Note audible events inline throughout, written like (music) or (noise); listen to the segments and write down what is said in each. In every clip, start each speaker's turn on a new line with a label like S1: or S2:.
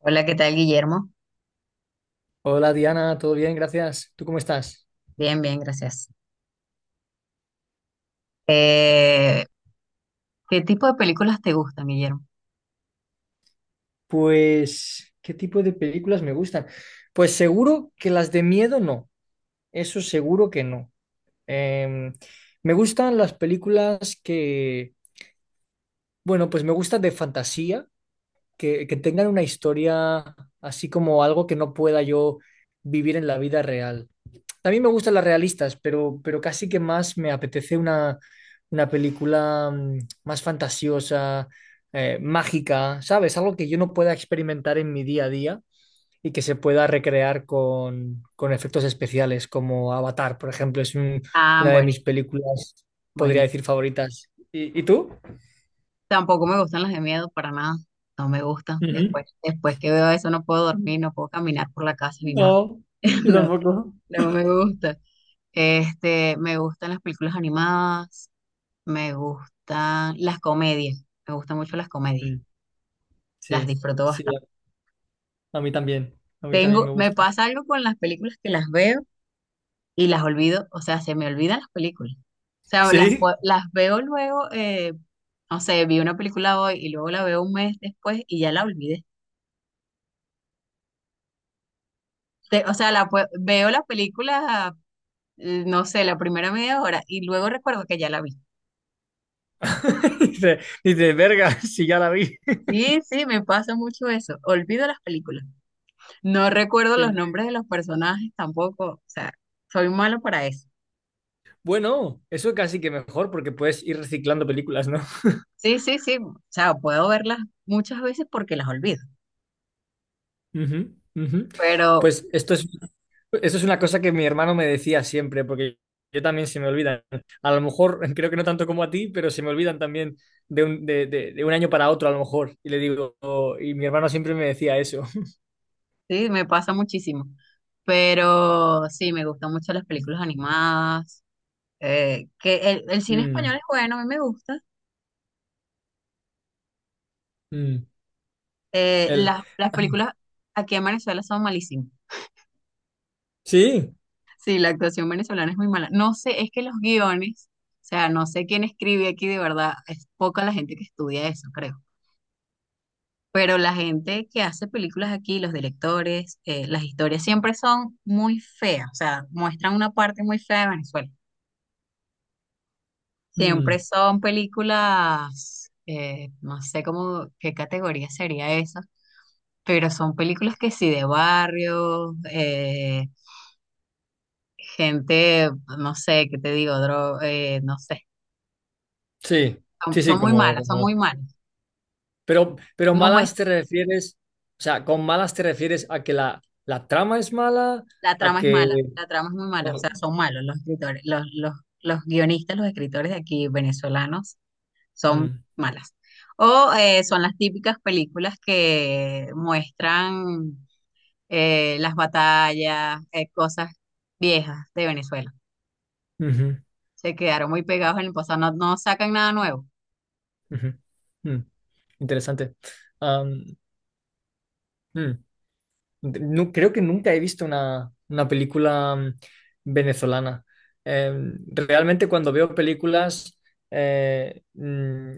S1: Hola, ¿qué tal, Guillermo?
S2: Hola Diana, ¿todo bien? Gracias. ¿Tú cómo estás?
S1: Bien, bien, gracias. Eh, ¿Qué tipo de películas te gustan, Guillermo?
S2: Pues, ¿qué tipo de películas me gustan? Pues seguro que las de miedo no, eso seguro que no. Em, Me gustan las películas que, bueno, pues me gustan de fantasía, que tengan una historia así como algo que no pueda yo vivir en la vida real. También me gustan las realistas, pero casi que más me apetece una película más fantasiosa, mágica, ¿sabes? Algo que yo no pueda experimentar en mi día a día y que se pueda recrear con efectos especiales, como Avatar, por ejemplo,
S1: Ah,
S2: una de mis
S1: buenísimo,
S2: películas, podría
S1: buenísimo.
S2: decir, favoritas. ¿Y tú?
S1: Tampoco me gustan las de miedo para nada. No me gustan.
S2: Ujú.
S1: Después que veo eso no puedo dormir, no puedo caminar por la casa ni nada.
S2: No, yo
S1: (laughs)
S2: tampoco.
S1: No, no me gusta. Este, me gustan las películas animadas, me gustan las comedias, me gustan mucho las comedias,
S2: Mm.
S1: las
S2: Sí,
S1: disfruto
S2: sí,
S1: bastante.
S2: a mí también
S1: Tengo,
S2: me
S1: me
S2: gusta.
S1: pasa algo con las películas que las veo y las olvido, o sea, se me olvidan las películas. O sea,
S2: ¿Sí?
S1: las veo luego, no sé, vi una película hoy y luego la veo un mes después y ya la olvidé. O sea, veo la película, no sé, la primera media hora y luego recuerdo que ya la vi.
S2: (laughs) dice, dice verga, (laughs) si ya la vi.
S1: Sí, sí, me pasa mucho eso. Olvido las películas. No recuerdo los
S2: (laughs)
S1: nombres de los personajes tampoco. O sea, soy malo para eso.
S2: Bueno, eso casi que mejor porque puedes ir reciclando películas, ¿no?
S1: Sí, sí, sí. O sea, puedo verlas muchas veces porque las olvido.
S2: (laughs) Ujú, ujú.
S1: Pero,
S2: Pues esto es una cosa que mi hermano me decía siempre, porque yo también se me olvidan. A lo mejor, (laughs) creo que no tanto como a ti, pero se me olvidan también de un año para otro, a lo mejor. Y le digo, y mi hermano siempre me decía eso. (laughs)
S1: sí, me pasa muchísimo. Pero sí, me gustan mucho las películas animadas. Que el cine español
S2: Mm,
S1: es bueno, a mí me gusta.
S2: mm. Él,
S1: Las películas aquí en Venezuela son malísimas.
S2: sí,
S1: Sí, la actuación venezolana es muy mala. No sé, es que los guiones, o sea, no sé quién escribe aquí de verdad. Es poca la gente que estudia eso, creo. Pero la gente que hace películas aquí, los directores, las historias siempre son muy feas. O sea, muestran una parte muy fea de Venezuela. Siempre
S2: mm,
S1: son películas, no sé cómo, qué categoría sería esa, pero son películas que sí de barrio, gente, no sé, qué te digo, no sé,
S2: sí,
S1: son,
S2: sí,
S1: son
S2: sí,
S1: muy
S2: como,
S1: malas, son
S2: como
S1: muy malas.
S2: Pero
S1: No
S2: malas
S1: muest-
S2: te refieres, o sea, con malas te refieres a que la trama es mala,
S1: La
S2: a
S1: trama es
S2: que...
S1: mala, la trama es muy mala, o
S2: oh,
S1: sea, son malos los escritores, los guionistas, los escritores de aquí venezolanos son
S2: mm,
S1: malas. O Son las típicas películas que muestran las batallas, cosas viejas de Venezuela.
S2: ujú,
S1: Se quedaron muy pegados en el pasado, no, no sacan nada nuevo.
S2: ujú, mm, interesante. Am, mm. No creo que nunca he visto una película venezolana. Eh, Realmente cuando veo películas, eh, mm,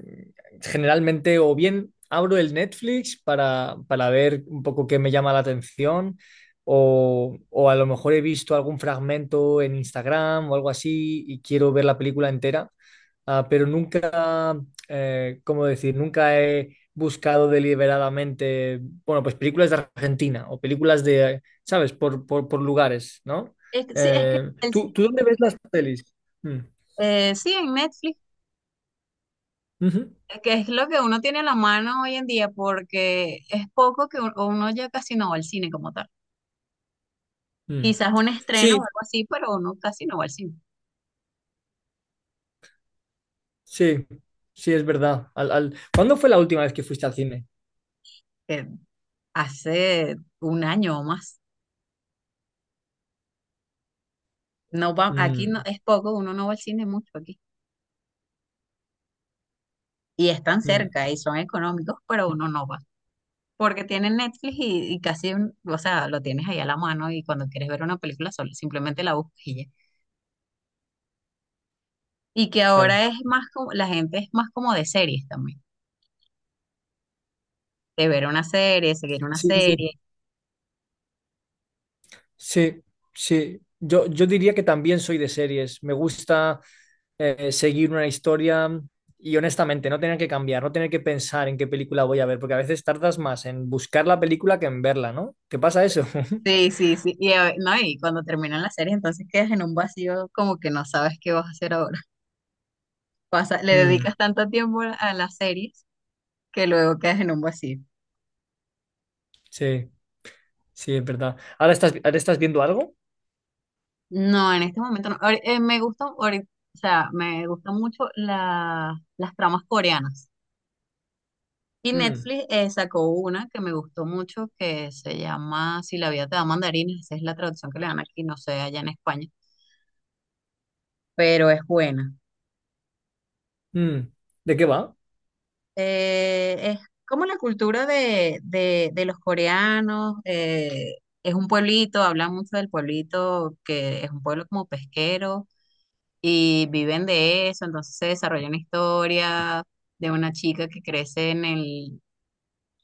S2: generalmente o bien abro el Netflix para ver un poco qué me llama la atención, o a lo mejor he visto algún fragmento en Instagram o algo así y quiero ver la película entera. Ah, pero nunca, ¿cómo decir? Nunca he buscado deliberadamente, bueno, pues películas de Argentina o películas de, ¿sabes? Por lugares, ¿no?
S1: Sí, es que
S2: ¿Tú dónde ves las pelis? Mm,
S1: sí, en Netflix,
S2: ujú,
S1: que es lo que uno tiene en la mano hoy en día, porque es poco que uno ya casi no va al cine como tal.
S2: mm.
S1: Quizás un estreno o
S2: Sí,
S1: algo así, pero uno casi no va al cine.
S2: sí, sí, es verdad. ¿Cuándo fue la última vez que fuiste al cine?
S1: Eh, Hace un año o más. No va, aquí no,
S2: Mm,
S1: es poco, uno no va al cine mucho aquí. Y están
S2: mm,
S1: cerca y son económicos, pero
S2: mm,
S1: uno no va. Porque tienes Netflix y casi, o sea, lo tienes ahí a la mano y cuando quieres ver una película solo, simplemente la buscas y ya. Y que
S2: claro.
S1: ahora es más como, la gente es más como de series también, de ver una serie, seguir una
S2: Sí. sí.
S1: serie.
S2: Sí, sí. Yo diría que también soy de series. Me gusta seguir una historia y honestamente no tener que cambiar, no tener que pensar en qué película voy a ver, porque a veces tardas más en buscar la película que en verla, ¿no? ¿Qué pasa eso? (laughs)
S1: Sí, sí, sí. No, y cuando terminan las series, entonces quedas en un vacío como que no sabes qué vas a hacer ahora. (laughs) Le
S2: Mm,
S1: dedicas tanto tiempo a las series que luego quedas en un vacío.
S2: sí, sí, es verdad. ¿Ahora estás viendo algo?
S1: No, en este momento no. Me gusta, o sea, me gustan mucho las tramas coreanas. Y
S2: Mm,
S1: Netflix sacó una que me gustó mucho que se llama Si la vida te da mandarines, esa es la traducción que le dan aquí, no sé, allá en España, pero es buena.
S2: mm. ¿De qué va?
S1: Es como la cultura de los coreanos, es un pueblito, hablan mucho del pueblito, que es un pueblo como pesquero y viven de eso, entonces se desarrolla una historia de una chica que crece en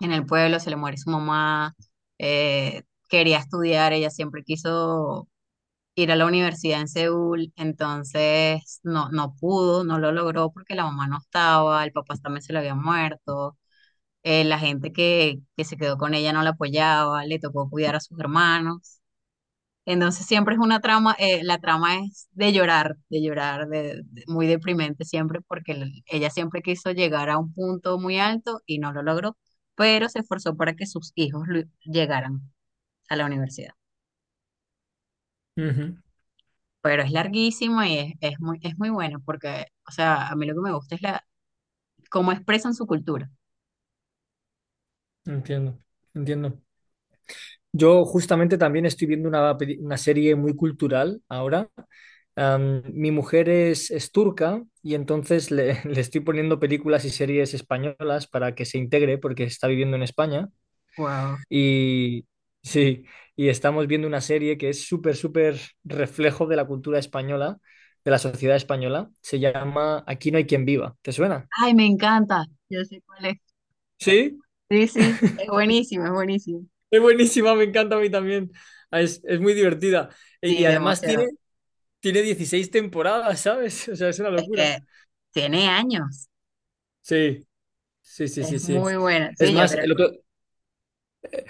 S1: en el pueblo, se le muere su mamá, eh, quería estudiar, ella siempre quiso ir a la universidad en Seúl, entonces no, no pudo, no lo logró porque la mamá no estaba, el papá también se le había muerto, la gente que se quedó con ella no la apoyaba, le tocó cuidar a sus hermanos. Entonces siempre es una trama, la trama es de llorar, muy deprimente siempre, porque ella siempre quiso llegar a un punto muy alto y no lo logró, pero se esforzó para que sus hijos llegaran a la universidad.
S2: Ujú.
S1: Pero es larguísima y es muy buena, porque, o sea, a mí lo que me gusta es la, cómo expresan su cultura.
S2: Entiendo, entiendo. Yo justamente también estoy viendo una serie muy cultural ahora. Mi mujer es turca y entonces (laughs) le estoy poniendo películas y series españolas para que se integre porque está viviendo en España.
S1: Wow.
S2: Y (laughs) sí, y estamos viendo una serie que es súper, súper reflejo de la cultura española, de la sociedad española. Se llama Aquí no hay quien viva. ¿Te suena?
S1: Ay, me encanta. Yo sé cuál es.
S2: Sí,
S1: Sí, sí, es buenísimo, es buenísimo.
S2: es buenísima, me encanta a mí también. Es muy divertida. Y
S1: Sí,
S2: además tiene...
S1: demasiado.
S2: Tiene 16 temporadas, ¿sabes? (laughs) O sea, es una
S1: Es
S2: locura.
S1: que tiene años.
S2: Sí, sí, sí, sí,
S1: Es
S2: sí.
S1: muy buena.
S2: Es
S1: Sí, yo
S2: más,
S1: creo.
S2: el otro,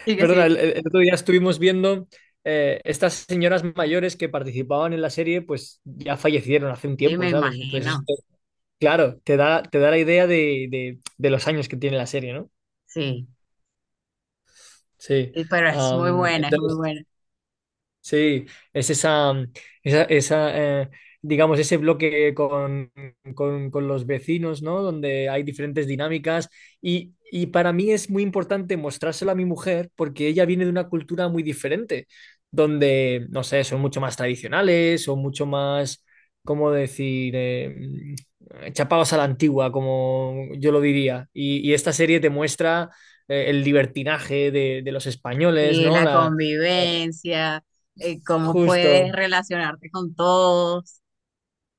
S1: Sí, que
S2: perdona,
S1: sí.
S2: el otro día estuvimos viendo estas señoras mayores que participaban en la serie, pues ya fallecieron hace un
S1: Sí,
S2: tiempo,
S1: me
S2: ¿sabes? Entonces, eso,
S1: imagino.
S2: claro, te da la idea de, de los años que tiene la serie, ¿no?
S1: Sí,
S2: Sí.
S1: y- pero es muy buena, es muy
S2: Entonces,
S1: buena.
S2: sí, es esa, digamos, ese bloque con, con los vecinos, ¿no? Donde hay diferentes dinámicas y para mí es muy importante mostrárselo a mi mujer porque ella viene de una cultura muy diferente, donde, no sé, son mucho más tradicionales, son mucho más, ¿cómo decir? Chapados a la antigua, como yo lo diría. Y esta serie te muestra el libertinaje de los españoles,
S1: Sí,
S2: ¿no?
S1: la
S2: La,
S1: convivencia, cómo puedes
S2: justo.
S1: relacionarte con todos.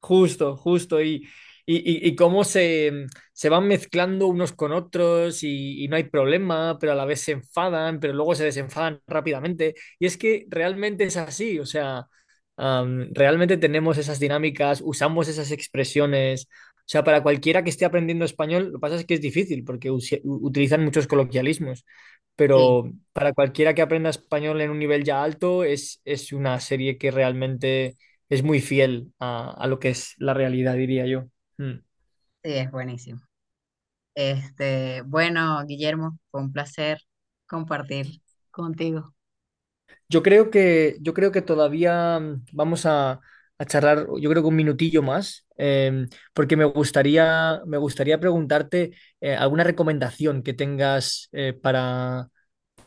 S2: Justo, justo. Y cómo se van mezclando unos con otros y no hay problema, pero a la vez se enfadan, pero luego se desenfadan rápidamente. Y es que realmente es así, o sea, realmente tenemos esas dinámicas, usamos esas expresiones. O sea, para cualquiera que esté aprendiendo español, lo que pasa es que es difícil porque utilizan muchos coloquialismos,
S1: Sí,
S2: pero para cualquiera que aprenda español en un nivel ya alto, es una serie que realmente es muy fiel a lo que es la realidad, diría yo. Mm.
S1: sí, es buenísimo. Este, bueno, Guillermo, fue un placer compartir contigo.
S2: Yo creo que todavía vamos a charlar, yo creo que un minutillo más, porque me gustaría preguntarte alguna recomendación que tengas para,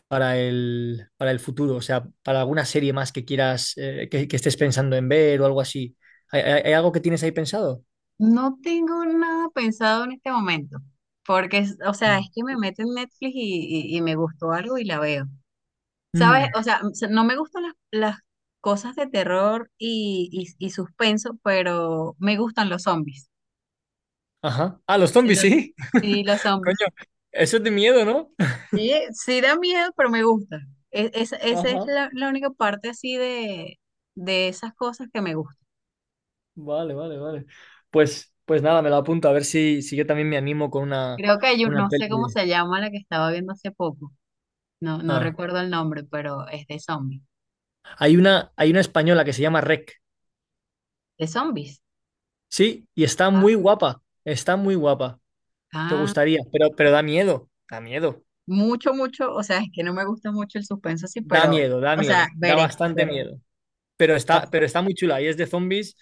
S2: para el, para el futuro, o sea, para alguna serie más que quieras, que estés pensando en ver o algo así. ¿Hay algo que tienes ahí pensado?
S1: No tengo nada pensado en este momento, porque, o sea, es
S2: Mm.
S1: que me meto en Netflix y, y me gustó algo y la veo. ¿Sabes?
S2: Mm,
S1: O sea, no me gustan las cosas de terror y suspenso, pero me gustan los zombies.
S2: ajá. Ah, los zombies,
S1: Entonces,
S2: sí.
S1: sí,
S2: (laughs)
S1: los zombies.
S2: Coño, eso es de miedo, ¿no?
S1: Sí, sí da miedo, pero me gusta. Esa es
S2: Ajá,
S1: la, la única parte así de esas cosas que me gustan.
S2: vale, vale, vale. Pues nada, me lo apunto a ver si yo también me animo con una,
S1: Creo que hay
S2: una
S1: no
S2: peli.
S1: sé cómo se llama la que estaba viendo hace poco. No, no
S2: Ah.
S1: recuerdo el nombre, pero es de zombies.
S2: Hay una española que se llama Rec,
S1: ¿De zombies?
S2: sí, y está muy guapa, está muy guapa. Te
S1: Ah,
S2: gustaría, pero da miedo, da miedo,
S1: mucho, mucho. O sea, es que no me gusta mucho el suspenso así,
S2: da
S1: pero,
S2: miedo, da
S1: o
S2: miedo,
S1: sea,
S2: da
S1: veré,
S2: bastante
S1: veré.
S2: miedo. Pero está muy chula y es de zombies,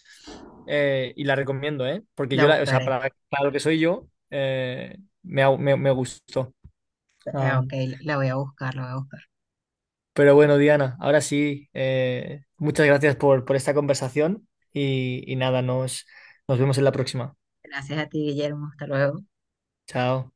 S2: y la recomiendo, ¿eh? Porque
S1: La
S2: yo, la, o sea,
S1: buscaré.
S2: para lo que soy yo, me gustó.
S1: Ah, ok, la voy a buscar, la voy a buscar.
S2: Pero bueno, Diana, ahora sí, muchas gracias por esta conversación y nada, nos vemos en la próxima.
S1: Gracias a ti, Guillermo. Hasta luego.
S2: Chao.